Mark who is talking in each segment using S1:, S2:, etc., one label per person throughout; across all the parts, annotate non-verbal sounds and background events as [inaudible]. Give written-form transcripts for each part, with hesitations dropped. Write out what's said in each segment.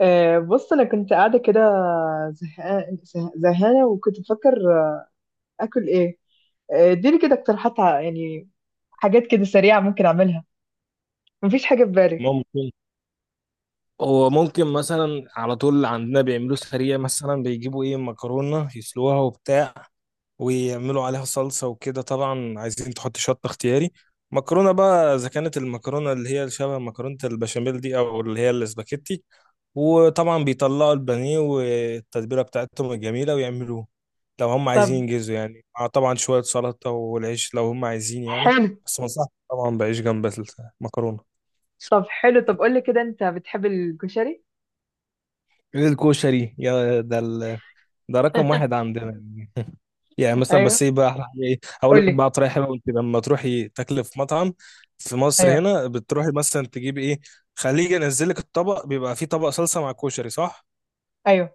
S1: بص انا كنت قاعده كده، زهقانه زهقانه وكنت بفكر اكل ايه؟ اديني كده اقتراحات يعني حاجات كده سريعه ممكن اعملها، مفيش حاجه في بالي.
S2: ممكن مثلا على طول عندنا بيعملوه سريع، مثلا بيجيبوا ايه، مكرونة يسلوها وبتاع، ويعملوا عليها صلصة وكده. طبعا عايزين تحط شطة اختياري. مكرونة بقى، إذا كانت المكرونة اللي هي شبه مكرونة البشاميل دي أو اللي هي الاسباجيتي. وطبعا بيطلعوا البانيه والتتبيلة بتاعتهم الجميلة ويعملوه لو هم
S1: طب
S2: عايزين ينجزوا، يعني مع طبعا شوية سلطة والعيش لو هم عايزين يعني.
S1: حلو.
S2: بس ما انصحش طبعا بعيش جنب المكرونة.
S1: طب قول لي كده، انت بتحب الكشري؟
S2: الكشري يا ده ال... ده رقم واحد
S1: [laughs]
S2: عندنا يعني. يعني مثلا، بس
S1: ايوه،
S2: ايه بقى احلى حاجه، ايه، هقول
S1: قول
S2: لك
S1: لي.
S2: بقى طريقه حلوه. انت لما تروحي تاكلي في مطعم في مصر
S1: ايوه،
S2: هنا، بتروحي مثلا تجيبي ايه، خليه ينزل لك الطبق بيبقى فيه طبق صلصه مع كشري، صح؟
S1: ايوه،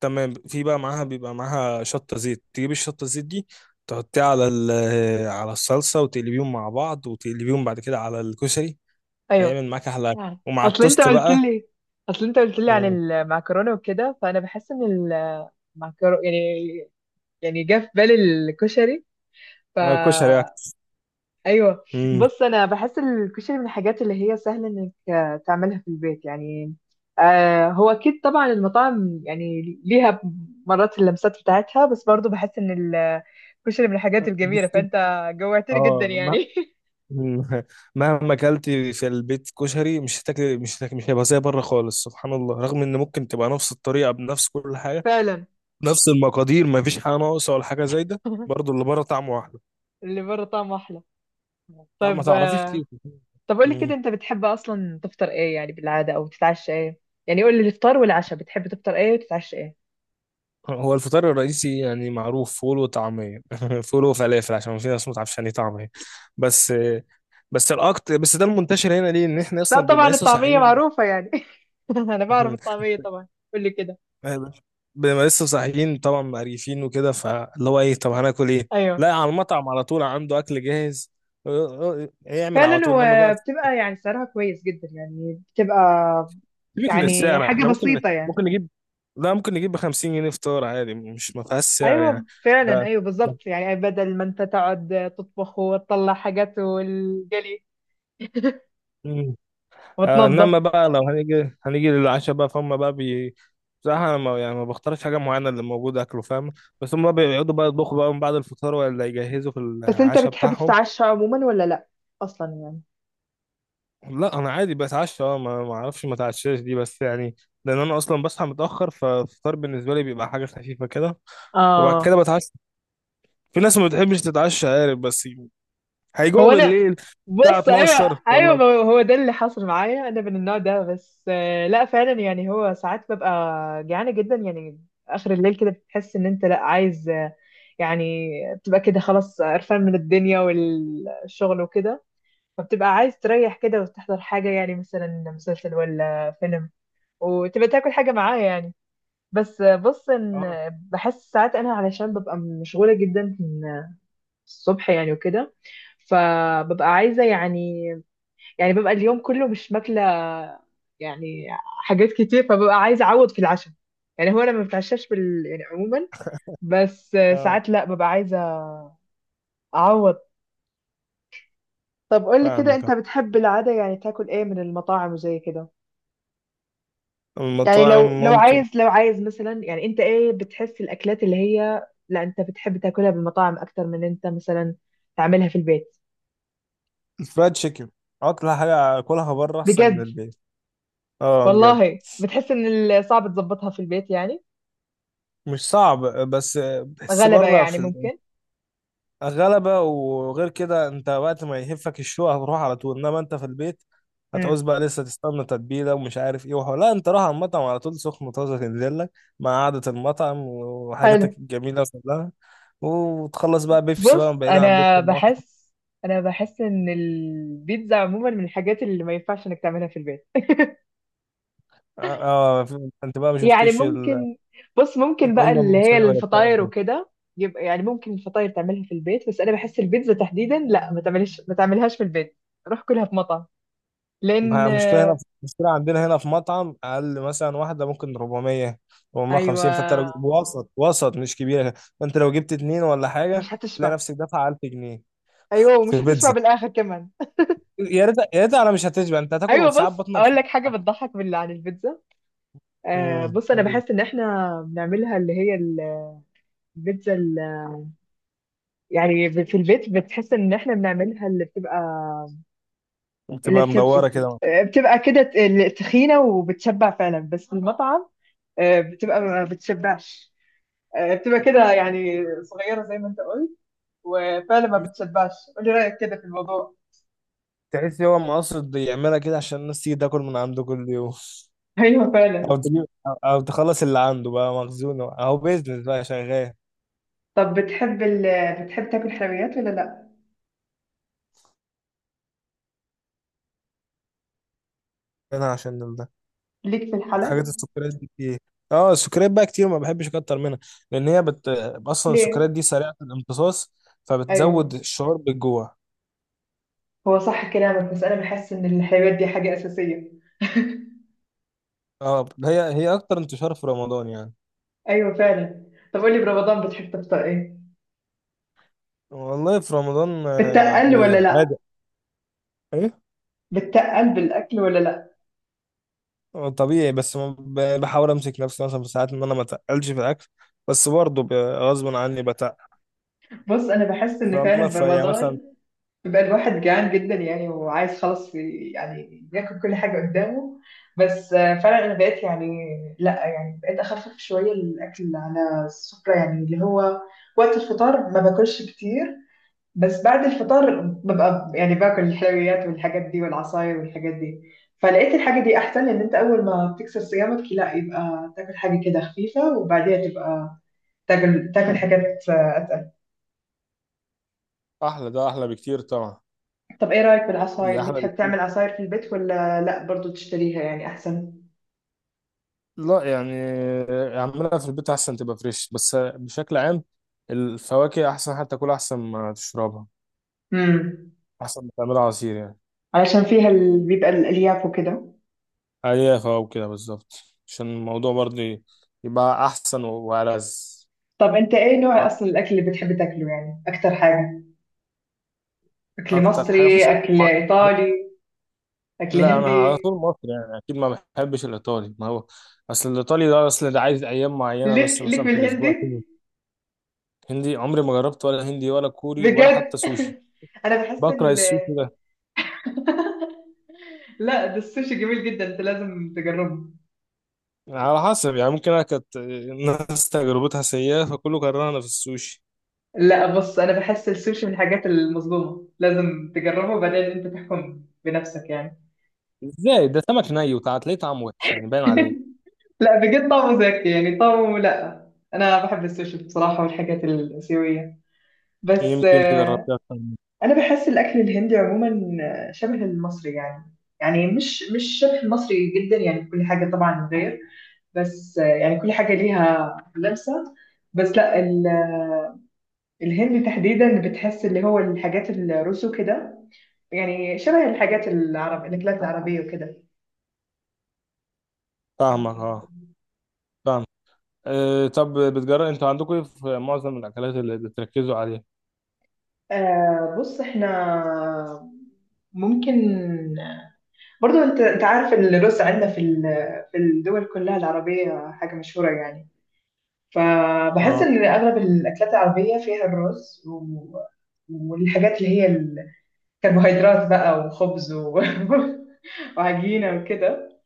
S2: تمام، في بقى معاها، بيبقى معاها شطه زيت، تجيبي الشطه الزيت دي تحطيها على ال- [hesitation] على الصلصه وتقلبيهم مع بعض، وتقلبيهم بعد كده على الكشري.
S1: ايوه.
S2: هيعمل معاك احلى أكل.
S1: آه.
S2: ومع التوست بقى.
S1: اصل انت قلت لي عن
S2: امم
S1: المعكرونه وكده، فانا بحس ان المعكرونه يعني، جه في بالي الكشري. ف
S2: آه، كشري بقى.
S1: ايوه.
S2: امم
S1: بص انا بحس الكشري من الحاجات اللي هي سهل انك تعملها في البيت يعني. هو اكيد طبعا المطاعم يعني ليها مرات اللمسات بتاعتها، بس برضو بحس ان الكشري من الحاجات الجميله،
S2: بصي.
S1: فانت جوعتني جدا
S2: اه.
S1: يعني. [laughs]
S2: مم. [laughs] مهما اكلتي في البيت كشري مش هتاكلي، مش هيبقى زي بره خالص، سبحان الله، رغم ان ممكن تبقى نفس الطريقه بنفس كل حاجه،
S1: فعلا.
S2: نفس المقادير، ما فيش حاجه ناقصه ولا حاجه زايده،
S1: [laughs]
S2: برضه اللي بره طعمه احلى.
S1: اللي بره طعمه احلى.
S2: يعني ما
S1: طب
S2: تعرفيش
S1: آه
S2: ليه.
S1: طب قولي كده،
S2: مم.
S1: انت بتحب اصلا تفطر ايه يعني بالعاده، او تتعشى ايه؟ يعني قولي الافطار والعشاء، بتحب تفطر ايه وتتعشى ايه؟
S2: هو الفطار الرئيسي يعني معروف، فول وطعميه، [laughs] فول وفلافل، عشان في ناس ما تعرفش يعني إيه طعميه. بس بس الاكتر، بس ده المنتشر هنا ليه، ان احنا
S1: لا
S2: اصلا
S1: طبعا
S2: بنبقى لسه
S1: الطعميه
S2: صاحيين.
S1: معروفه يعني. [laughs] انا بعرف
S2: [laughs]
S1: الطعميه طبعا. قولي كده.
S2: ما- بنبقى لسه صاحيين طبعا مقريفين وكده، فاللي هو ايه، طب هناكل ايه؟
S1: ايوه
S2: لا، على المطعم على طول عنده اكل جاهز. اه، يعمل
S1: فعلا،
S2: على طول، انما بقى
S1: وبتبقى يعني سعرها كويس جدا يعني، بتبقى
S2: سيبك من
S1: يعني
S2: السعر.
S1: حاجة
S2: احنا ممكن،
S1: بسيطة يعني.
S2: ممكن نجيب لا ممكن نجيب ب 50 جنيه فطار عادي، مش ما فيهاش سعر
S1: ايوه
S2: يعني.
S1: فعلا،
S2: ده
S1: ايوه
S2: ده.
S1: بالظبط، يعني بدل ما انت تقعد تطبخ وتطلع حاجات والجلي. [laughs]
S2: مم. آه، انما
S1: وتنظف.
S2: بقى لو هنيجي للعشاء بقى، فهم بقى بصراحة، أنا ما يعني ما بختارش حاجة معينة، اللي موجودة أكله، فاهم؟ بس هم بقى بيقعدوا بقى يطبخوا بقى من بعد الفطار، ولا يجهزوا في
S1: بس انت
S2: العشاء
S1: بتحب
S2: بتاعهم.
S1: تتعشى عموما ولا لا، اصلا يعني؟
S2: لا، انا عادي بتعشى. اه، ما اعرفش ما اتعشاش دي، بس يعني لان انا اصلا بصحى متاخر، فالفطار بالنسبه لي بيبقى حاجه خفيفه كده، وبعد
S1: اه.
S2: كده بتعشى. في ناس ما بتحبش تتعشى، عارف، بس
S1: هو
S2: هيجوعوا
S1: انا،
S2: بالليل الساعه
S1: بص، ايوه.
S2: 12
S1: ايوه
S2: ولا.
S1: ما هو ده اللي حصل معايا، انا من النوع ده. بس لا فعلا يعني، هو ساعات ببقى جعانه جدا يعني، اخر الليل كده بتحس ان انت لا عايز يعني، بتبقى كده خلاص قرفان من الدنيا والشغل وكده، فبتبقى عايز تريح كده وتحضر حاجه، يعني مثلا مسلسل ولا فيلم، وتبقى تاكل حاجه معاه يعني. بس بص ان،
S2: اه.
S1: بحس ساعات انا علشان ببقى مشغوله جدا من الصبح يعني وكده، فببقى عايزه يعني، ببقى اليوم كله مش ماكلة يعني حاجات كتير، فببقى عايزة أعوض في العشاء. يعني هو أنا ما بتعشاش يعني عموما، بس
S2: اه،
S1: ساعات لا، ببقى عايزة أعوض. طب قولي كده،
S2: فاهمك.
S1: أنت
S2: اه،
S1: بتحب العادة يعني تاكل إيه من المطاعم وزي كده؟ يعني
S2: المطاعم ممكن
S1: لو عايز مثلا، يعني أنت إيه بتحس الأكلات اللي هي لا، أنت بتحب تاكلها بالمطاعم أكتر من أنت مثلا تعملها في البيت؟
S2: الفرايد تشيكن. اطلع حاجه اكلها بره احسن من
S1: بجد؟
S2: البيت. اه، بجد.
S1: والله بتحس إن صعب تظبطها في البيت يعني،
S2: مش صعب، بس بحس
S1: غلبة
S2: بره
S1: يعني
S2: في
S1: ممكن.
S2: غلبة. وغير كده، انت وقت ما يهفك الشوق هتروح على طول. انما انت في البيت
S1: امم
S2: هتعوز بقى لسه تستنى تتبيلة ومش عارف ايه وحوار. لا، انت راح على المطعم على طول، سخن طازة تنزل لك مع قعدة المطعم
S1: حلو.
S2: وحاجاتك الجميلة كلها. وتخلص بقى بيبسي بقى،
S1: بص
S2: بعيدا عن
S1: انا
S2: بيبسي المطعم.
S1: بحس، ان البيتزا عموما من الحاجات اللي ما ينفعش انك تعملها في البيت.
S2: اه. اه، انت بقى ما
S1: يعني
S2: شفتيش
S1: ممكن، بص ممكن بقى
S2: الأمة
S1: اللي هي
S2: المصرية وهي بتعمل.
S1: الفطاير وكده، يبقى يعني ممكن الفطاير تعملها في البيت، بس انا بحس البيتزا تحديدا لا، ما تعملهاش في البيت، روح كلها في مطعم،
S2: ما
S1: لان
S2: المشكلة هنا، في المشكلة عندنا هنا في مطعم أقل مثلا واحدة ممكن 400، 450. فأنت
S1: ايوه
S2: لو جبت وسط مش كبيرة، فأنت لو جبت اتنين ولا حاجة،
S1: مش
S2: تلاقي
S1: هتشبع.
S2: نفسك دافع 1000 جنيه
S1: ايوه
S2: في
S1: ومش هتشبع
S2: بيتزا.
S1: بالاخر كمان.
S2: يا ريت، يا ريت، على مش هتشبع، أنت هتاكل
S1: ايوه
S2: وفي ساعات
S1: بص
S2: بطنك
S1: اقول لك حاجه
S2: ساعات.
S1: بتضحك بالله عن البيتزا.
S2: امم
S1: بص انا بحس ان احنا بنعملها، اللي هي البيتزا يعني، في البيت بتحس ان احنا بنعملها اللي بتبقى اللي
S2: بتبقى
S1: بتبقى
S2: مدورة كده.
S1: بتبقى كده، اللي تخينة وبتشبع فعلا، بس في المطعم بتبقى ما بتشبعش، بتبقى كده يعني صغيرة زي ما انت قلت، وفعلا ما بتشبعش. قولي رأيك كده في الموضوع.
S2: تحس هو مقصد يعملها كده عشان الناس تيجي تاكل من عنده كل يوم.
S1: [laughs] ايوه فعلا.
S2: أو تخلص اللي عنده بقى مخزون، أهو بيزنس بقى شغال.
S1: طب بتحب تاكل حلويات ولا لا؟
S2: هنا عشان ده
S1: ليك في
S2: حاجات
S1: الحلا؟
S2: السكريات دي كتير. اه، السكريات بقى كتير ما بحبش اكتر منها، لان هي اصلا
S1: ليه؟
S2: السكريات دي سريعه الامتصاص، فبتزود
S1: ايوه،
S2: الشعور بالجوع.
S1: هو صح كلامك، بس انا بحس ان الحلويات دي حاجة أساسية. [laughs]
S2: اه، هي اكتر انتشار في رمضان يعني.
S1: ايوه فعلا. طب قولي، برمضان بتحب تفطر ايه؟
S2: والله في رمضان آه،
S1: بتقل
S2: يعني
S1: ولا لأ؟
S2: عادي. ايه؟
S1: بتقل بالأكل ولا لأ؟
S2: آه، طبيعي، بس ما ب- بحاول امسك نفسي مثلا في ساعات، ان انا ما اتقلش في الاكل، بس برضه غصب عني بتقل.
S1: بُص أنا باحس إن
S2: فاما
S1: فعلًا
S2: فيعني مثلا
S1: برمضان بيبقى الواحد جعان جدًا يعني، وعايز خلاص يعني ياكل كل حاجة قدّامه، بس فعلًا أنا بقيت يعني لأ، بقيت أخفِّف شوية الأكل على السُّفرة، يعني اللي هو وقت الفطار ما باكلش كتير، بس بعد الفطار بابقى يعني باكل الحلويات والحاجات دي والعصاير والحاجات دي، فلقيت الحاجة دي أحسن، لإن أنت أول ما تكسر صيامك لأ، يبقى تاكل حاجة كده خفيفة وبعديها تبقى تاكل حاجات اتقل.
S2: احلى، ده احلى بكتير طبعا.
S1: طب ايه رايك
S2: دي
S1: بالعصاير؟
S2: احلى.
S1: بتحب تعمل عصاير في البيت ولا لا، برضو تشتريها يعني احسن؟
S2: لا، يعني اعملها في البيت احسن، تبقى فريش. بس بشكل عام الفواكه احسن، حتى تاكلها احسن ما تشربها،
S1: امم
S2: احسن ما تعملها عصير يعني.
S1: علشان فيها بيبقى الالياف وكده.
S2: اي فواكه كده بالظبط، عشان الموضوع برضه يبقى احسن وألذ.
S1: طب انت ايه نوع اصلا الاكل اللي بتحب تاكله يعني، اكتر حاجه، اكل
S2: اكتر حاجه
S1: مصري،
S2: مفيش اكل
S1: اكل
S2: معين.
S1: ايطالي، اكل
S2: لا، انا
S1: هندي؟
S2: على طول مصري يعني اكيد، ما بحبش الايطالي. ما هو اصل الايطالي ده، اصل ده عايز ايام معينه بس
S1: ليك
S2: مثلا في الاسبوع
S1: بالهندي؟
S2: كده. هندي عمري ما جربت، ولا هندي ولا كوري ولا حتى
S1: بجد؟
S2: سوشي.
S1: [laughs] انا بحس
S2: بكره السوشي ده.
S1: [laughs] لا، ده السوشي جميل جدا، انت لازم تجربه.
S2: على حسب يعني، ممكن انا كانت الناس تجربتها سيئة، فكله كرهنا في السوشي.
S1: لا بص، انا بحس السوشي من الحاجات المظلومه، لازم تجربه وبعدين انت تحكم بنفسك يعني.
S2: ازاي ده سمك ني، وتلاقيه طعمه وحش يعني باين عليه.
S1: [laughs] لا بجد طعمه زاكي يعني، طعمه لا، انا بحب السوشي بصراحه والحاجات الاسيويه. بس
S2: يمكن تجربتها أكتر مني.
S1: انا بحس الاكل الهندي عموما شبه المصري يعني، يعني مش شبه المصري جدا يعني، كل حاجه طبعا غير، بس يعني كل حاجه ليها لمسه، بس لا الهندي تحديدا بتحس اللي هو الحاجات الرسو كده، يعني شبه الحاجات العرب الأكلات العربية وكده.
S2: فاهمك. اه، فاهم. أه، طب بتجرب انتوا عندكم ايه في معظم الاكلات اللي بتركزوا عليها.
S1: بص احنا ممكن برضو، انت عارف ان الرز عندنا في الدول كلها العربية حاجة مشهورة يعني، فبحس
S2: اه.
S1: ان اغلب الاكلات العربية فيها الرز و... والحاجات اللي هي الكربوهيدرات بقى وخبز و... [laughs] وعجينة وكده.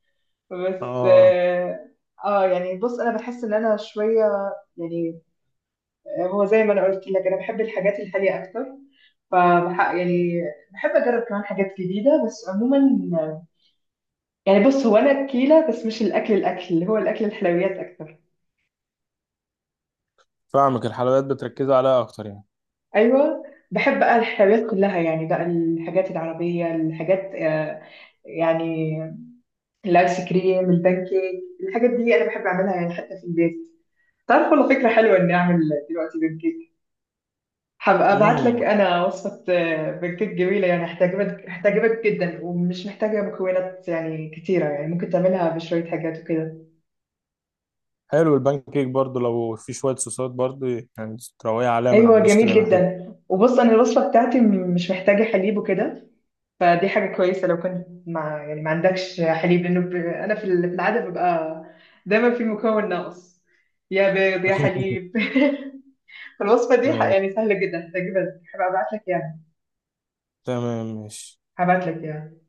S1: بس
S2: اه،
S1: اه، يعني بص انا بحس ان انا شوية يعني، هو زي ما انا قلت لك انا بحب الحاجات الحاليه اكتر، يعني بحب اجرب كمان حاجات جديده. بس عموما يعني بص، هو انا اكيله، بس مش الاكل، الاكل اللي هو الاكل الحلويات اكتر.
S2: فاهمك، الحلويات بتركزوا عليها اكتر يعني.
S1: ايوه. بحب بقى الحلويات كلها يعني، بقى الحاجات العربيه، الحاجات يعني الايس كريم، البانكيك، الحاجات دي انا بحب اعملها يعني حتى في البيت. تعرف والله فكره حلوه اني اعمل دلوقتي بانكيك. هبقى ابعت لك
S2: امم
S1: انا وصفه بنكيك جميله يعني، هتعجبك، هتعجبك جدا ومش محتاجه مكونات يعني كتيره، يعني ممكن تعملها بشويه حاجات وكده.
S2: حلو، البان كيك برضو لو في شوية صوصات برضو، يعني تروقي عليها من على
S1: ايوه
S2: الوش
S1: جميل
S2: كده يبقى حلو.
S1: جدا. وبص انا الوصفه بتاعتي مش محتاجه حليب وكده، فدي حاجه كويسه لو كنت مع، يعني ما عندكش حليب، لانه انا في العاده ببقى دايما في مكون ناقص، يا بيض يا
S2: [laughs]
S1: حليب. [laughs] الوصفه دي
S2: آه،
S1: يعني سهله جدا، هتعجبك، هبقى ابعت لك اياها،
S2: تمام، ماشي.
S1: هبعت لك اياها.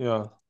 S2: يلا.